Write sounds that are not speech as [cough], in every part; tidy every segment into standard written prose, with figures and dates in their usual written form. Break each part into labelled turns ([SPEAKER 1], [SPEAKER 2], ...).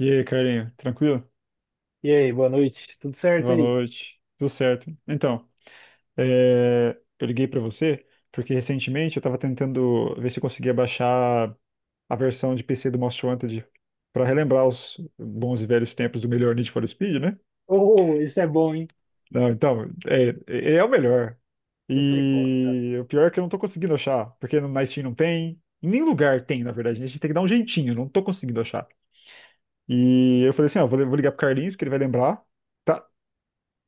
[SPEAKER 1] E aí, Carlinho, tranquilo?
[SPEAKER 2] E aí, boa noite. Tudo certo
[SPEAKER 1] Boa
[SPEAKER 2] aí?
[SPEAKER 1] noite, tudo certo? Então, eu liguei pra você porque recentemente eu tava tentando ver se eu conseguia baixar a versão de PC do Most Wanted pra relembrar os bons e velhos tempos do melhor Need for Speed, né?
[SPEAKER 2] Oh, isso é bom, hein?
[SPEAKER 1] Não, então, é o melhor.
[SPEAKER 2] Não tem como, cara.
[SPEAKER 1] E o pior é que eu não tô conseguindo achar, porque na Steam não tem, em nenhum lugar tem, na verdade, né? A gente tem que dar um jeitinho, não tô conseguindo achar. E eu falei assim, ó, vou ligar pro Carlinhos, que ele vai lembrar. Tá.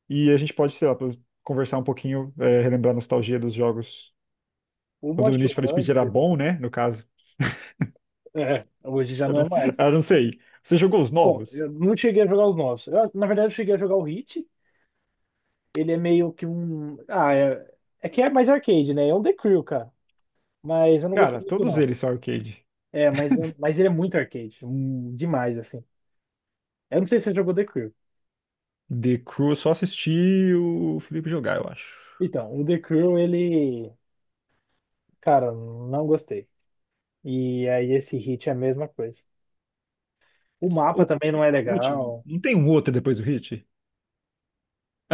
[SPEAKER 1] E a gente pode, sei lá, conversar um pouquinho, relembrar a nostalgia dos jogos.
[SPEAKER 2] Uma
[SPEAKER 1] Quando o Need for Speed
[SPEAKER 2] chorando.
[SPEAKER 1] era bom, né? No caso.
[SPEAKER 2] É, hoje já
[SPEAKER 1] Eu
[SPEAKER 2] não
[SPEAKER 1] não,
[SPEAKER 2] é
[SPEAKER 1] [laughs]
[SPEAKER 2] mais.
[SPEAKER 1] eu não sei. Você jogou os
[SPEAKER 2] Bom,
[SPEAKER 1] novos?
[SPEAKER 2] eu não cheguei a jogar os novos. Eu, na verdade, eu cheguei a jogar o Hit. Ele é meio que um. Ah, é, é que é mais arcade, né? É um The Crew, cara. Mas eu não
[SPEAKER 1] Cara,
[SPEAKER 2] gostei muito,
[SPEAKER 1] todos
[SPEAKER 2] não.
[SPEAKER 1] eles são arcade.
[SPEAKER 2] É, mas ele é muito arcade, demais, assim. Eu não sei se você jogou The Crew.
[SPEAKER 1] The Crew, eu só assisti o Felipe jogar, eu acho.
[SPEAKER 2] Então, o The Crew, ele. Cara, não gostei. E aí, esse Hit é a mesma coisa. O mapa
[SPEAKER 1] O
[SPEAKER 2] também não
[SPEAKER 1] Hit
[SPEAKER 2] é
[SPEAKER 1] é o último.
[SPEAKER 2] legal.
[SPEAKER 1] Não tem um outro depois do Hit?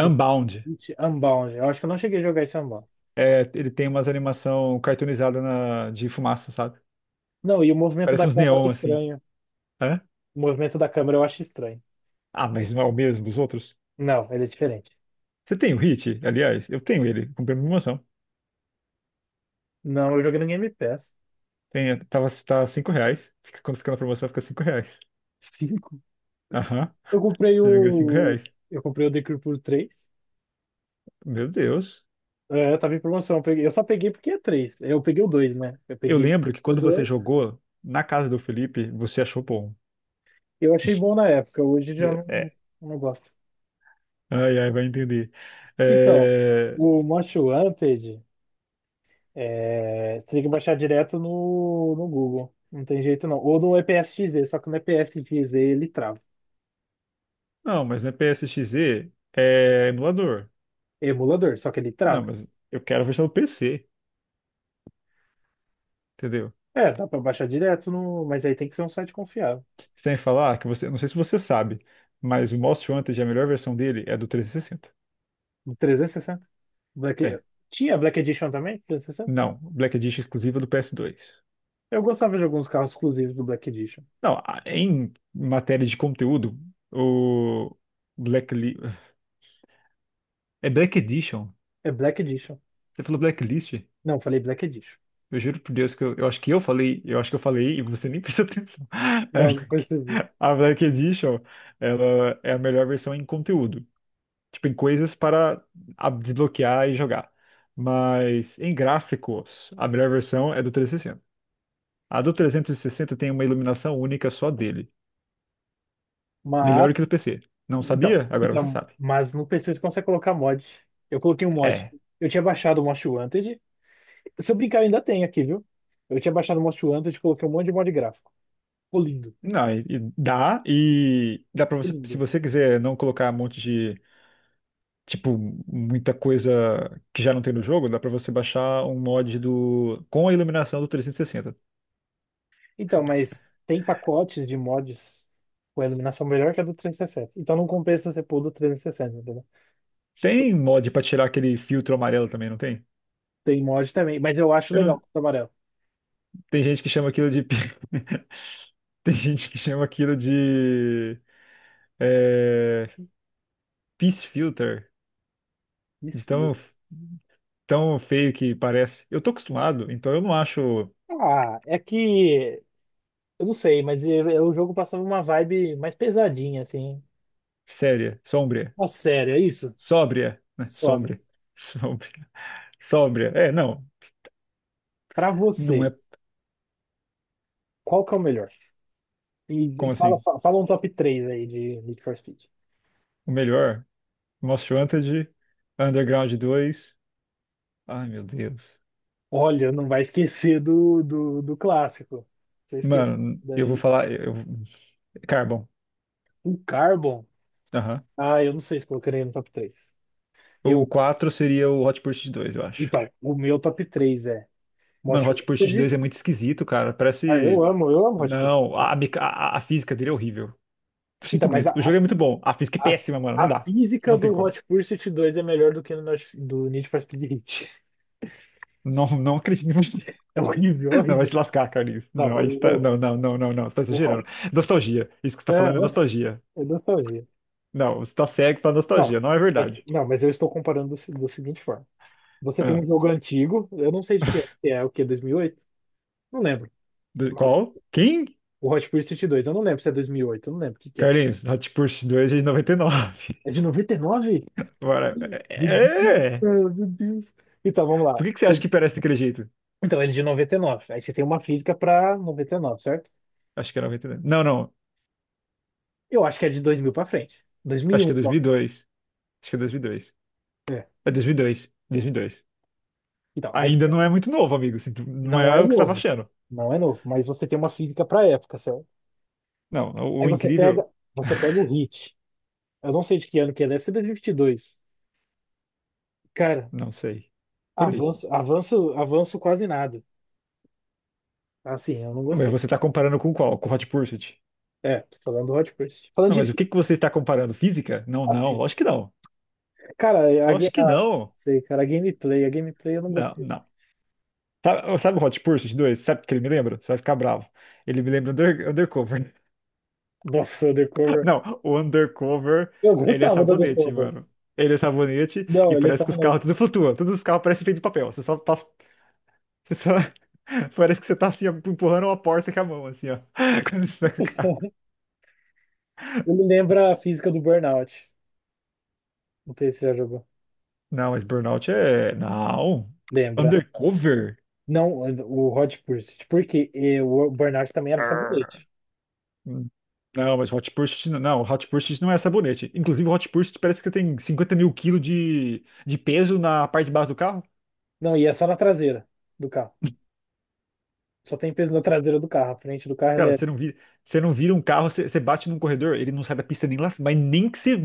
[SPEAKER 2] The Pit Unbound. Eu acho que eu não cheguei a jogar esse Unbound.
[SPEAKER 1] É, ele tem umas animação cartoonizada de fumaça, sabe?
[SPEAKER 2] Não, e o movimento da
[SPEAKER 1] Parece uns
[SPEAKER 2] câmera é
[SPEAKER 1] neon, assim.
[SPEAKER 2] estranho.
[SPEAKER 1] Hã?
[SPEAKER 2] O movimento da câmera eu acho estranho.
[SPEAKER 1] Ah, mas não é o mesmo dos outros?
[SPEAKER 2] Não, ele é diferente.
[SPEAKER 1] Você tem o Hit? Aliás, eu tenho ele, comprei uma promoção.
[SPEAKER 2] Não, eu joguei no Game Pass.
[SPEAKER 1] Tem, tá R$ 5. Quando fica na promoção, fica R$ 5.
[SPEAKER 2] Cinco.
[SPEAKER 1] Aham,
[SPEAKER 2] Eu comprei
[SPEAKER 1] se não me engano, cinco
[SPEAKER 2] o.
[SPEAKER 1] reais.
[SPEAKER 2] Eu comprei o Decree por 3.
[SPEAKER 1] Meu Deus.
[SPEAKER 2] É, tava em promoção. Eu peguei- eu só peguei porque é 3. Eu peguei o dois, né? Eu
[SPEAKER 1] Eu
[SPEAKER 2] peguei
[SPEAKER 1] lembro que
[SPEAKER 2] o
[SPEAKER 1] quando você
[SPEAKER 2] 2.
[SPEAKER 1] jogou na casa do Felipe, você achou bom.
[SPEAKER 2] Eu achei bom na época. Hoje já não,
[SPEAKER 1] É.
[SPEAKER 2] não gosto.
[SPEAKER 1] Ai, ai, vai entender.
[SPEAKER 2] Então,
[SPEAKER 1] É,
[SPEAKER 2] o Most Wanted. É, você tem que baixar direto no Google. Não tem jeito não. Ou no EPSXZ, só que no EPSXZ ele trava.
[SPEAKER 1] Não, mas não é PSXZ, é emulador.
[SPEAKER 2] É emulador, só que ele
[SPEAKER 1] Não,
[SPEAKER 2] trava.
[SPEAKER 1] mas eu quero a versão do PC, entendeu?
[SPEAKER 2] É, dá pra baixar direto no, mas aí tem que ser um site confiável.
[SPEAKER 1] Sem falar que você, não sei se você sabe, mas o Most Wanted, a melhor versão dele é do 360.
[SPEAKER 2] No 360
[SPEAKER 1] É.
[SPEAKER 2] Black... Tinha Black Edition também? 360.
[SPEAKER 1] Não, Black Edition exclusiva do PS2.
[SPEAKER 2] Eu gostava de alguns carros exclusivos do Black Edition.
[SPEAKER 1] Não, em matéria de conteúdo, o Blackli... É Black Edition.
[SPEAKER 2] É Black Edition.
[SPEAKER 1] Você falou Blacklist?
[SPEAKER 2] Não, falei Black Edition.
[SPEAKER 1] Eu juro por Deus que eu acho que eu falei, eu acho que eu falei e você nem prestou atenção. [laughs] É
[SPEAKER 2] Não, não
[SPEAKER 1] Black-
[SPEAKER 2] percebi.
[SPEAKER 1] A Black Edition, ela é a melhor versão em conteúdo, tipo em coisas para desbloquear e jogar. Mas em gráficos, a melhor versão é do 360. A do 360 tem uma iluminação única só dele, melhor que do
[SPEAKER 2] Mas,
[SPEAKER 1] PC. Não
[SPEAKER 2] então,
[SPEAKER 1] sabia? Agora você
[SPEAKER 2] então,
[SPEAKER 1] sabe.
[SPEAKER 2] mas no PC você consegue colocar mod. Eu coloquei um mod.
[SPEAKER 1] É.
[SPEAKER 2] Eu tinha baixado o Most Wanted. Se eu brincar, eu ainda tem aqui, viu? Eu tinha baixado o Monster Hunter e coloquei um monte de mod gráfico. Ficou lindo,
[SPEAKER 1] Não, e dá pra
[SPEAKER 2] ficou
[SPEAKER 1] você, se
[SPEAKER 2] lindo.
[SPEAKER 1] você quiser não colocar um monte de, tipo, muita coisa que já não tem no jogo, dá pra você baixar um mod do, com a iluminação do 360.
[SPEAKER 2] Então, mas tem pacotes de mods com a iluminação melhor que a do 360. Então não compensa você pôr do 360, entendeu?
[SPEAKER 1] Tem mod pra tirar aquele filtro amarelo também, não tem?
[SPEAKER 2] Tem mod também, mas eu acho
[SPEAKER 1] Eu não-
[SPEAKER 2] legal o amarelo.
[SPEAKER 1] tem gente que chama aquilo de, [laughs] tem gente que chama aquilo de, é, Peace Filter, de
[SPEAKER 2] Desfio.
[SPEAKER 1] tão, tão feio que parece. Eu tô acostumado, então eu não acho.
[SPEAKER 2] Ah, é que. Eu não sei, mas o jogo passava uma vibe mais pesadinha, assim.
[SPEAKER 1] Séria, sombria,
[SPEAKER 2] Uma sério, é isso?
[SPEAKER 1] sóbria, né,
[SPEAKER 2] Sobe.
[SPEAKER 1] sombria. Sombria. [laughs] Sóbria. É, não.
[SPEAKER 2] Pra
[SPEAKER 1] Não
[SPEAKER 2] você,
[SPEAKER 1] é
[SPEAKER 2] qual que é o melhor? E
[SPEAKER 1] como
[SPEAKER 2] e fala,
[SPEAKER 1] assim?
[SPEAKER 2] fa- fala um top 3 aí de Need for Speed.
[SPEAKER 1] O melhor. Most Wanted, Underground 2. Ai, meu Deus.
[SPEAKER 2] Olha, não vai esquecer do clássico. Você esqueceu
[SPEAKER 1] Mano, eu vou
[SPEAKER 2] daí.
[SPEAKER 1] falar. Eu... Carbon.
[SPEAKER 2] O Carbon.
[SPEAKER 1] Aham.
[SPEAKER 2] Ah, eu não sei se colocaria no top 3.
[SPEAKER 1] O
[SPEAKER 2] Eu,
[SPEAKER 1] quatro seria o Hot Pursuit 2, eu acho.
[SPEAKER 2] então, o meu top 3 é
[SPEAKER 1] Mano,
[SPEAKER 2] Most
[SPEAKER 1] Hot Pursuit 2
[SPEAKER 2] Wanted.
[SPEAKER 1] é muito esquisito, cara.
[SPEAKER 2] Ah,
[SPEAKER 1] Parece.
[SPEAKER 2] eu amo Hot
[SPEAKER 1] Não,
[SPEAKER 2] Pursuit.
[SPEAKER 1] a física dele é horrível.
[SPEAKER 2] Então,
[SPEAKER 1] Sinto
[SPEAKER 2] mas
[SPEAKER 1] muito. O jogo é muito bom. A física é
[SPEAKER 2] a, a
[SPEAKER 1] péssima, mano.
[SPEAKER 2] a
[SPEAKER 1] Não dá.
[SPEAKER 2] física
[SPEAKER 1] Não tem
[SPEAKER 2] do
[SPEAKER 1] como.
[SPEAKER 2] Hot Pursuit 2 é melhor do que no, Need- do Need for Speed Heat.
[SPEAKER 1] Não, não acredito em você.
[SPEAKER 2] É horrível,
[SPEAKER 1] [laughs] Não, vai
[SPEAKER 2] horrível.
[SPEAKER 1] se lascar, Carlinhos.
[SPEAKER 2] Não,
[SPEAKER 1] Não, aí está... não, não, não, não, não. Você tá
[SPEAKER 2] eu,
[SPEAKER 1] exagerando. Nostalgia. Isso que você tá
[SPEAKER 2] é,
[SPEAKER 1] falando é
[SPEAKER 2] eu sei.
[SPEAKER 1] nostalgia.
[SPEAKER 2] É nostalgia.
[SPEAKER 1] Não, você tá cego pra
[SPEAKER 2] Não,
[SPEAKER 1] nostalgia, não é
[SPEAKER 2] mas,
[SPEAKER 1] verdade.
[SPEAKER 2] não, mas eu estou comparando do, se- do seguinte forma. Você tem um
[SPEAKER 1] Ah,
[SPEAKER 2] jogo antigo, eu não sei de que é, o que, 2008? Não lembro. Mas
[SPEAKER 1] qual? Quem?
[SPEAKER 2] o Hot Pursuit 2, eu não lembro se é 2008, eu não lembro o que que é.
[SPEAKER 1] Carlinhos, Hot Pursuit 2 é de 99.
[SPEAKER 2] É de 99?
[SPEAKER 1] [laughs] Bora.
[SPEAKER 2] Meu Deus,
[SPEAKER 1] É! É.
[SPEAKER 2] cara, meu Deus. Então, vamos lá.
[SPEAKER 1] Por que que você acha que
[SPEAKER 2] Ele-
[SPEAKER 1] parece daquele jeito?
[SPEAKER 2] Então, ele é de 99. Aí você tem uma física pra 99, certo?
[SPEAKER 1] Acho que é 99. Não, não.
[SPEAKER 2] Eu acho que é de 2000 pra frente.
[SPEAKER 1] Acho
[SPEAKER 2] 2001,
[SPEAKER 1] que é dois
[SPEAKER 2] então.
[SPEAKER 1] mil e dois. Acho que é 2002.
[SPEAKER 2] É.
[SPEAKER 1] É dois mil e dois. 2002.
[SPEAKER 2] Então, aí
[SPEAKER 1] Ainda
[SPEAKER 2] você-
[SPEAKER 1] não é muito novo, amigo, não
[SPEAKER 2] não
[SPEAKER 1] é
[SPEAKER 2] é
[SPEAKER 1] o que você tava
[SPEAKER 2] novo.
[SPEAKER 1] achando.
[SPEAKER 2] Não é novo, mas você tem uma física pra época, certo?
[SPEAKER 1] Não, o
[SPEAKER 2] Aí
[SPEAKER 1] o incrível...
[SPEAKER 2] você pega o Hit. Eu não sei de que ano que é, deve ser 2022. Cara,
[SPEAKER 1] Não sei. Por aí.
[SPEAKER 2] avanço, avanço, avanço quase nada. Assim, eu não
[SPEAKER 1] Mas
[SPEAKER 2] gostei.
[SPEAKER 1] você tá comparando com qual? Com Hot Pursuit?
[SPEAKER 2] É, tô falando do Hot Pursuit. Falando
[SPEAKER 1] Não,
[SPEAKER 2] de
[SPEAKER 1] mas o
[SPEAKER 2] fi-
[SPEAKER 1] que que você está comparando? Física? Não,
[SPEAKER 2] a
[SPEAKER 1] não.
[SPEAKER 2] fi-
[SPEAKER 1] Lógico que não.
[SPEAKER 2] Cara, a,
[SPEAKER 1] Lógico
[SPEAKER 2] ga-
[SPEAKER 1] que
[SPEAKER 2] a,
[SPEAKER 1] não.
[SPEAKER 2] sei, cara, a gameplay eu não
[SPEAKER 1] Não,
[SPEAKER 2] gostei.
[SPEAKER 1] não. Sabe, sabe o Hot Pursuit 2, sabe o que ele me lembra? Você vai ficar bravo. Ele me lembra Undercover.
[SPEAKER 2] Nossa, o The
[SPEAKER 1] [laughs]
[SPEAKER 2] Cover.
[SPEAKER 1] Não, o Undercover,
[SPEAKER 2] Eu
[SPEAKER 1] ele é
[SPEAKER 2] gostava do The
[SPEAKER 1] sabonete,
[SPEAKER 2] Cover.
[SPEAKER 1] mano. Ele é sabonete
[SPEAKER 2] Não,
[SPEAKER 1] e
[SPEAKER 2] ele é
[SPEAKER 1] parece que os carros
[SPEAKER 2] samonete.
[SPEAKER 1] tudo flutuam. Todos os carros parecem feitos de papel. Você só passa. Você só... [laughs] parece que você tá assim, ó, empurrando uma porta com a mão, assim, ó. [laughs] Quando você tá com o carro.
[SPEAKER 2] [laughs] Ele lembra a física do Burnout. Não sei se você já jogou.
[SPEAKER 1] Não, mas Burnout é. Não.
[SPEAKER 2] Lembra.
[SPEAKER 1] Undercover?
[SPEAKER 2] Não, o Hot Pursuit. Porque o Burnout também era sabonete.
[SPEAKER 1] Hum. Não, mas Hot Pursuit não, não, Hot Pursuit não é sabonete. Inclusive, Hot Pursuit parece que tem 50 mil quilos de peso na parte de baixo do carro.
[SPEAKER 2] Não, e é só na traseira do carro. Só tem peso na traseira do carro. A frente do carro
[SPEAKER 1] Cara, você não vira um carro, você, você bate num corredor, ele não sai da pista nem lá, mas nem que você,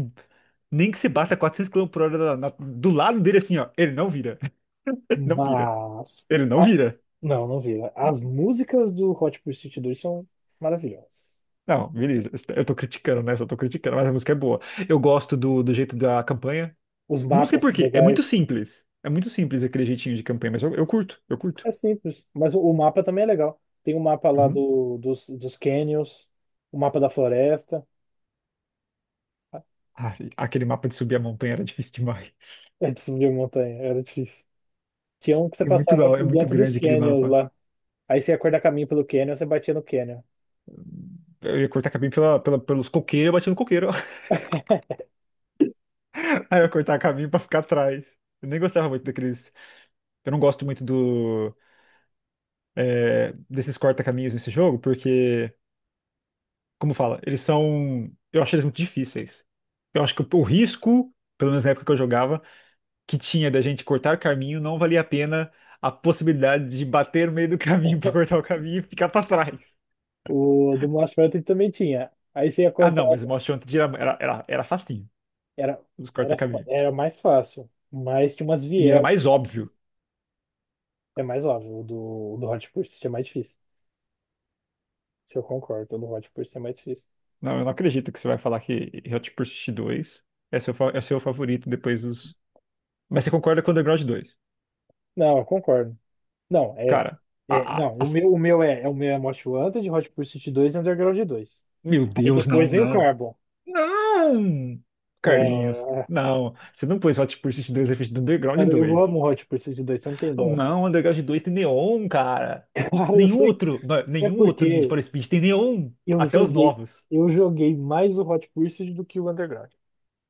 [SPEAKER 1] nem que você bata 400 km/h do lado dele assim, ó, ele não vira, [laughs] não vira,
[SPEAKER 2] Mas.
[SPEAKER 1] ele não
[SPEAKER 2] A-
[SPEAKER 1] vira.
[SPEAKER 2] Não, não vi. As músicas do Hot Pursuit 2 são maravilhosas.
[SPEAKER 1] Não, beleza, eu tô criticando, né? Só tô criticando, mas a música é boa. Eu gosto do jeito da campanha.
[SPEAKER 2] Os
[SPEAKER 1] Não sei
[SPEAKER 2] mapas
[SPEAKER 1] por
[SPEAKER 2] são
[SPEAKER 1] quê, é muito
[SPEAKER 2] legais.
[SPEAKER 1] simples. É muito simples aquele jeitinho de campanha, mas eu curto, eu curto.
[SPEAKER 2] É simples, mas o mapa também é legal. Tem o mapa lá
[SPEAKER 1] Uhum.
[SPEAKER 2] do, dos canyons, o mapa da floresta. [laughs]
[SPEAKER 1] Ai, aquele mapa de subir a montanha era difícil demais.
[SPEAKER 2] É de subir montanha, era difícil. Tinha um que você
[SPEAKER 1] É muito
[SPEAKER 2] passava
[SPEAKER 1] é
[SPEAKER 2] por
[SPEAKER 1] muito
[SPEAKER 2] dentro dos
[SPEAKER 1] grande aquele
[SPEAKER 2] canyons
[SPEAKER 1] mapa.
[SPEAKER 2] lá. Aí você ia cortar caminho pelo canyon, você batia no canyon.
[SPEAKER 1] Eu ia cortar caminho pela, pelos coqueiros, eu batia no coqueiro. [laughs] Aí eu ia cortar caminho pra ficar atrás. Eu nem gostava muito daqueles. Eu não gosto muito do desses corta-caminhos nesse jogo, porque, como fala, eles são. Eu acho eles muito difíceis. Eu acho que o risco, pelo menos na época que eu jogava, que tinha da gente cortar caminho, não valia a pena a possibilidade de bater no meio do caminho [laughs] pra cortar o caminho e ficar pra trás.
[SPEAKER 2] O do Monty Python também tinha. Aí você ia
[SPEAKER 1] Ah,
[SPEAKER 2] cortar,
[SPEAKER 1] não, mas o Most Wanted era, facinho,
[SPEAKER 2] era,
[SPEAKER 1] os
[SPEAKER 2] era, fa-
[SPEAKER 1] corta-caminho.
[SPEAKER 2] era mais fácil, mas tinha umas
[SPEAKER 1] E era
[SPEAKER 2] vielas,
[SPEAKER 1] mais óbvio.
[SPEAKER 2] é mais óbvio. O do Hot Pursuit é mais difícil. Se eu concordo, o do Hot Pursuit é mais difícil.
[SPEAKER 1] Não, eu não acredito que você vai falar que Hot Pursuit 2 é seu, é seu favorito depois dos. Mas você concorda com Underground 2?
[SPEAKER 2] Não, eu concordo. Não, é.
[SPEAKER 1] Cara, a,
[SPEAKER 2] É,
[SPEAKER 1] a-
[SPEAKER 2] não, o
[SPEAKER 1] as-
[SPEAKER 2] meu, o meu é, é o meu é Most Wanted, Hot Pursuit 2 e Underground dois.
[SPEAKER 1] meu
[SPEAKER 2] Aí
[SPEAKER 1] Deus, não,
[SPEAKER 2] depois vem o
[SPEAKER 1] não.
[SPEAKER 2] Carbon.
[SPEAKER 1] Não! Carlinhos,
[SPEAKER 2] É,
[SPEAKER 1] não. Você não pôs Hot Pursuit 2 na frente do Underground
[SPEAKER 2] cara, eu
[SPEAKER 1] 2.
[SPEAKER 2] amo o Hot Pursuit dois. Você não tem ideia.
[SPEAKER 1] Não, Underground 2 tem neon, cara.
[SPEAKER 2] [laughs] Cara, eu
[SPEAKER 1] Nenhum
[SPEAKER 2] sei
[SPEAKER 1] outro, não,
[SPEAKER 2] que é
[SPEAKER 1] nenhum outro Need
[SPEAKER 2] porque
[SPEAKER 1] for Speed tem neon.
[SPEAKER 2] eu
[SPEAKER 1] Até os
[SPEAKER 2] joguei,
[SPEAKER 1] novos.
[SPEAKER 2] eu joguei mais o Hot Pursuit do que o Underground.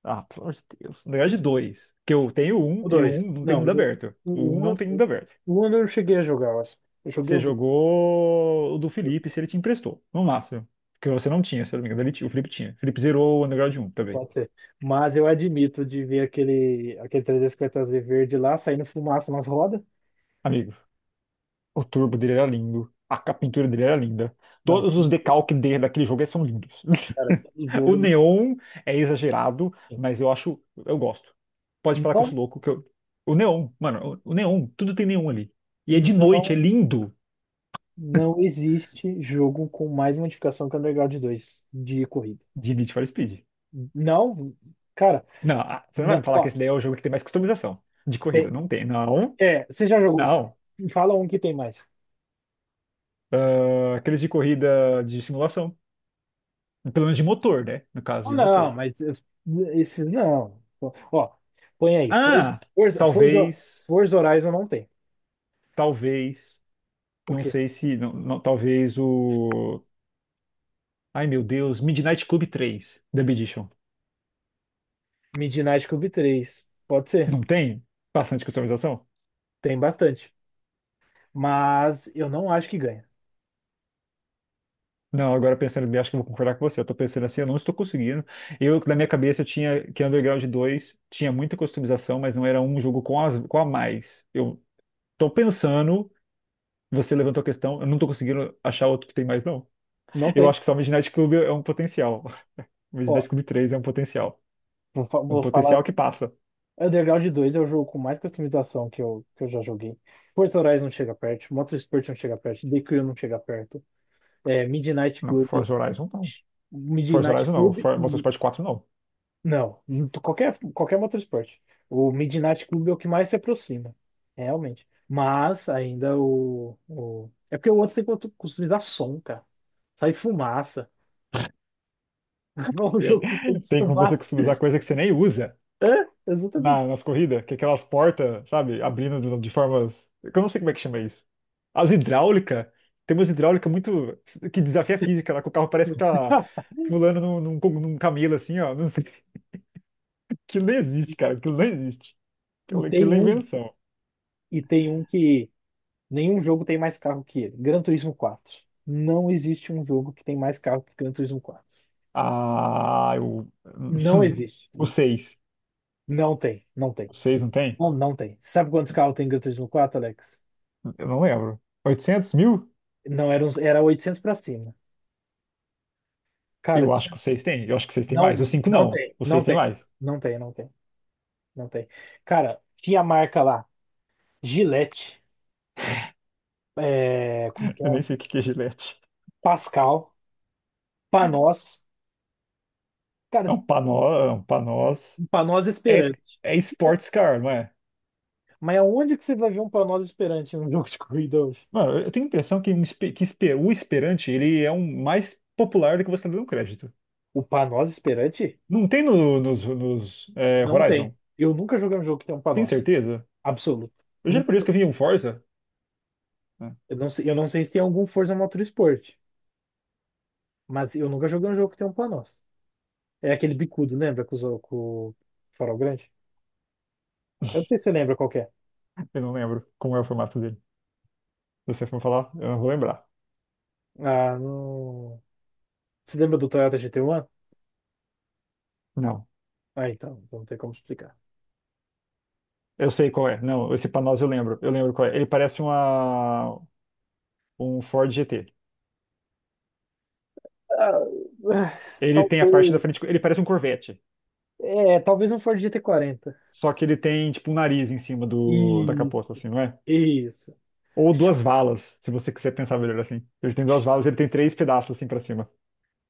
[SPEAKER 1] Ah, pelo amor de Deus. Na verdade, dois. Porque eu tenho um
[SPEAKER 2] O
[SPEAKER 1] e o
[SPEAKER 2] dois.
[SPEAKER 1] um não tem
[SPEAKER 2] Não,
[SPEAKER 1] mundo aberto.
[SPEAKER 2] o,
[SPEAKER 1] O um
[SPEAKER 2] um-
[SPEAKER 1] não tem mundo aberto.
[SPEAKER 2] o eu não cheguei a jogar, eu acho. Eu joguei o
[SPEAKER 1] Você
[SPEAKER 2] dois.
[SPEAKER 1] jogou o do Felipe se ele te emprestou, no máximo. Porque você não tinha, se eu não me engano. O Felipe tinha. O Felipe zerou o Underground um também.
[SPEAKER 2] Pode ser. Mas eu admito de ver aquele 350Z verde lá saindo fumaça nas rodas.
[SPEAKER 1] Amigo, o turbo dele era lindo. A pintura dele era linda.
[SPEAKER 2] Não,
[SPEAKER 1] Todos os decalques dele daquele jogo são lindos.
[SPEAKER 2] cara, aquele
[SPEAKER 1] [laughs] O
[SPEAKER 2] jogo.
[SPEAKER 1] neon é exagerado, mas eu acho. Eu gosto. Pode falar que eu
[SPEAKER 2] Não,
[SPEAKER 1] sou louco, que eu. O neon, mano, o neon, tudo tem neon ali. E é de noite,
[SPEAKER 2] não,
[SPEAKER 1] é lindo,
[SPEAKER 2] não existe jogo com mais modificação que o Underground 2 de corrida.
[SPEAKER 1] de Need for Speed.
[SPEAKER 2] Não, cara,
[SPEAKER 1] Não, ah, você não vai
[SPEAKER 2] não,
[SPEAKER 1] me falar que
[SPEAKER 2] ó,
[SPEAKER 1] esse daí é o jogo que tem mais customização de
[SPEAKER 2] é,
[SPEAKER 1] corrida. Não tem, não,
[SPEAKER 2] é, você já jogou?
[SPEAKER 1] não.
[SPEAKER 2] Fala um que tem mais.
[SPEAKER 1] Ah, aqueles de corrida de simulação. Pelo menos de motor, né? No caso
[SPEAKER 2] Ah,
[SPEAKER 1] de motor.
[SPEAKER 2] não, mas esses não. Ó, põe aí.
[SPEAKER 1] Ah,
[SPEAKER 2] Forza, Forza,
[SPEAKER 1] talvez,
[SPEAKER 2] Forza Horizon não tem.
[SPEAKER 1] talvez,
[SPEAKER 2] O
[SPEAKER 1] não
[SPEAKER 2] quê?
[SPEAKER 1] sei se, não, não, talvez o... Ai, meu Deus, Midnight Club 3, The Edition.
[SPEAKER 2] Midnight Club três. Pode ser.
[SPEAKER 1] Não tem bastante customização?
[SPEAKER 2] Tem bastante. Mas eu não acho que ganha.
[SPEAKER 1] Não, agora pensando bem, acho que eu vou concordar com você. Eu tô pensando assim, eu não estou conseguindo. Eu, na minha cabeça, eu tinha que Underground 2, tinha muita customização, mas não era um jogo com, as, com a mais. Eu tô pensando, você levantou a questão, eu não tô conseguindo achar outro que tem mais, não.
[SPEAKER 2] Não
[SPEAKER 1] Eu
[SPEAKER 2] tem.
[SPEAKER 1] acho que só o Midnight Club é um potencial. [laughs] O
[SPEAKER 2] Ó,
[SPEAKER 1] Midnight Club 3 é um potencial.
[SPEAKER 2] vou, fa-
[SPEAKER 1] Um
[SPEAKER 2] vou falar.
[SPEAKER 1] potencial que passa.
[SPEAKER 2] Underground dois é o jogo com mais customização que eu já joguei. Forza Horizon não chega perto. Motorsport não chega perto. The Crew não chega perto. É, Midnight
[SPEAKER 1] Não,
[SPEAKER 2] Club.
[SPEAKER 1] Forza Horizon não. Forza
[SPEAKER 2] Midnight
[SPEAKER 1] Horizon não.
[SPEAKER 2] Club.
[SPEAKER 1] Motorsport 4 não.
[SPEAKER 2] Não, não tô- qualquer motorsport. O Midnight Club é o que mais se aproxima, é, realmente. Mas ainda o... É porque o outro tem que customizar som, cara. Sai fumaça. [laughs] É um
[SPEAKER 1] Tem,
[SPEAKER 2] jogo que tem
[SPEAKER 1] [laughs] tem como você
[SPEAKER 2] fumaça.
[SPEAKER 1] customizar coisa que você nem usa
[SPEAKER 2] É, exatamente.
[SPEAKER 1] nas corridas, que é aquelas portas, sabe, abrindo de formas, que eu não sei como é que chama isso. As hidráulica, tem umas hidráulica muito, que desafia a física, lá que o carro parece que tá
[SPEAKER 2] [laughs]
[SPEAKER 1] pulando num, num camelo assim, ó. Não sei. [laughs] Aquilo não existe, cara. Aquilo não existe.
[SPEAKER 2] E
[SPEAKER 1] Aquilo, aquilo
[SPEAKER 2] tem
[SPEAKER 1] é
[SPEAKER 2] um,
[SPEAKER 1] invenção.
[SPEAKER 2] e tem um que nenhum jogo tem mais carro que ele. Gran Turismo quatro. Não existe um jogo que tem mais carro que Gran Turismo quatro.
[SPEAKER 1] Ah, eu.
[SPEAKER 2] Não
[SPEAKER 1] [laughs]
[SPEAKER 2] existe.
[SPEAKER 1] O seis.
[SPEAKER 2] Não tem, não tem.
[SPEAKER 1] O 6 não tem?
[SPEAKER 2] Não, não tem. Sabe quantos carros tem Gran Turismo quatro, Alex?
[SPEAKER 1] Eu não lembro. 800 mil?
[SPEAKER 2] Não, era, uns, era 800 pra cima. Cara,
[SPEAKER 1] Eu acho
[SPEAKER 2] tinha,
[SPEAKER 1] que o 6 tem. Eu acho que o seis tem mais. O
[SPEAKER 2] não,
[SPEAKER 1] 5
[SPEAKER 2] não
[SPEAKER 1] não.
[SPEAKER 2] tem,
[SPEAKER 1] O
[SPEAKER 2] não
[SPEAKER 1] 6 tem
[SPEAKER 2] tem,
[SPEAKER 1] mais.
[SPEAKER 2] não tem, não tem, não tem. Cara, tinha marca lá, Gillette, é, como
[SPEAKER 1] [laughs]
[SPEAKER 2] que é?
[SPEAKER 1] Eu nem sei o que que é gilete.
[SPEAKER 2] Pascal, Panos. Cara,
[SPEAKER 1] É um panó, é um panós.
[SPEAKER 2] Panos
[SPEAKER 1] É,
[SPEAKER 2] Esperante.
[SPEAKER 1] é sports car, não é?
[SPEAKER 2] Mas aonde que você vai ver um Panos Esperante num [laughs] jogo de corrida hoje?
[SPEAKER 1] Mano, eu tenho a impressão que, o Esperante ele é um mais popular do que você está dando crédito.
[SPEAKER 2] O Panos Esperante?
[SPEAKER 1] Não tem nos,
[SPEAKER 2] Não tem.
[SPEAKER 1] Horizon?
[SPEAKER 2] Eu nunca joguei um jogo que tem um
[SPEAKER 1] Tem
[SPEAKER 2] Panos.
[SPEAKER 1] certeza?
[SPEAKER 2] Absoluto.
[SPEAKER 1] Eu juro
[SPEAKER 2] Nunca
[SPEAKER 1] por isso que
[SPEAKER 2] joguei.
[SPEAKER 1] eu vi um Forza, né?
[SPEAKER 2] Eu não sei se tem algum Forza Motorsport, mas eu nunca joguei um jogo que tem um Panos. É aquele bicudo, lembra? Com, os- com o farol grande? Eu não sei se você lembra qual que é.
[SPEAKER 1] Eu não lembro como é o formato dele. Se você for falar, eu não vou lembrar.
[SPEAKER 2] Ah, não... Você lembra do Toyota GT1?
[SPEAKER 1] Não.
[SPEAKER 2] Ah, então não tem como explicar.
[SPEAKER 1] Eu sei qual é. Não, esse Panos eu lembro. Eu lembro qual é. Ele parece uma, um Ford GT.
[SPEAKER 2] Ah, ah,
[SPEAKER 1] Ele tem a parte da
[SPEAKER 2] talvez.
[SPEAKER 1] frente. Ele parece um Corvette.
[SPEAKER 2] É, talvez um Ford GT40.
[SPEAKER 1] Só que ele tem, tipo, um nariz em cima do, da capota,
[SPEAKER 2] Isso,
[SPEAKER 1] assim, não é?
[SPEAKER 2] isso.
[SPEAKER 1] Ou
[SPEAKER 2] Cha-
[SPEAKER 1] duas valas, se você quiser pensar melhor assim. Ele tem duas valas, ele tem três pedaços assim pra cima.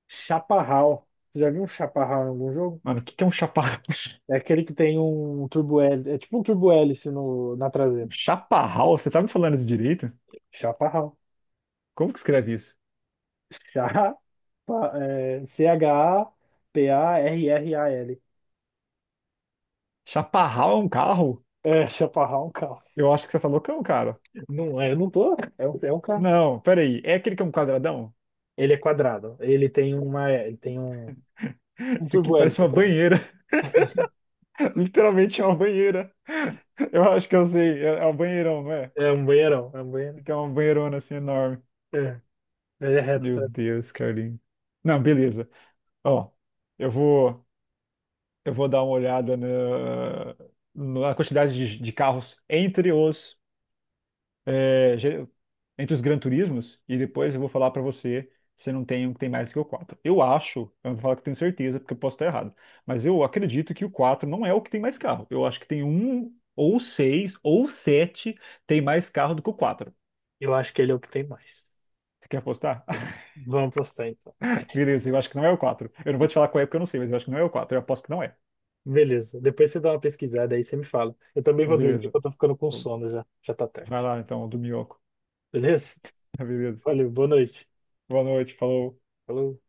[SPEAKER 2] Chaparral. Você já viu um chaparral em algum jogo?
[SPEAKER 1] Mano, o que que é um chaparral?
[SPEAKER 2] É
[SPEAKER 1] [laughs]
[SPEAKER 2] aquele que tem um turbo hélice. É tipo um turbo hélice no, na
[SPEAKER 1] Um
[SPEAKER 2] traseira.
[SPEAKER 1] chaparral? Você tá me falando isso direito?
[SPEAKER 2] Chaparral.
[SPEAKER 1] Como que escreve isso?
[SPEAKER 2] Chá, pa- é, C-H-A-P-A-R-R-A-L.
[SPEAKER 1] Chaparral é um carro?
[SPEAKER 2] É, chaparral é um carro.
[SPEAKER 1] Eu acho que você tá loucão, cara.
[SPEAKER 2] Não, é, eu não tô. É um carro.
[SPEAKER 1] Não, peraí. É aquele que é um quadradão?
[SPEAKER 2] Ele é quadrado. Ele tem uma. Ele tem um
[SPEAKER 1] Isso aqui
[SPEAKER 2] turbo
[SPEAKER 1] parece
[SPEAKER 2] hélice
[SPEAKER 1] uma
[SPEAKER 2] atrás.
[SPEAKER 1] banheira. [laughs] Literalmente é uma banheira. Eu acho que eu sei. É um banheirão, não é?
[SPEAKER 2] É um banheirão. É um banheirão.
[SPEAKER 1] Que é uma banheirona assim enorme.
[SPEAKER 2] É. Ele é reto.
[SPEAKER 1] Meu
[SPEAKER 2] Sabe?
[SPEAKER 1] Deus, Carlinhos. Não, beleza. Ó, eu vou. Eu vou dar uma olhada na, na quantidade de carros entre os é, ge- entre os Gran Turismos e depois eu vou falar para você se não tem um que tem mais que o 4. Eu acho, eu não vou falar que tenho certeza porque eu posso estar errado, mas eu acredito que o 4 não é o que tem mais carro. Eu acho que tem um ou seis ou sete, tem mais carro do que o 4.
[SPEAKER 2] Eu acho que ele é o que tem mais.
[SPEAKER 1] Você quer apostar? [laughs]
[SPEAKER 2] Vamos postar então.
[SPEAKER 1] Beleza, eu acho que não é o 4. Eu não vou te falar qual é porque eu não sei, mas eu acho que não é o 4. Eu aposto que não é.
[SPEAKER 2] Beleza. Depois você dá uma pesquisada aí, você me fala. Eu também vou dormir,
[SPEAKER 1] Beleza.
[SPEAKER 2] porque eu tô ficando com sono já. Já tá
[SPEAKER 1] Vai
[SPEAKER 2] tarde.
[SPEAKER 1] lá então, do Miyoko.
[SPEAKER 2] Beleza?
[SPEAKER 1] [laughs] Beleza.
[SPEAKER 2] Valeu, boa noite.
[SPEAKER 1] Boa noite, falou.
[SPEAKER 2] Falou.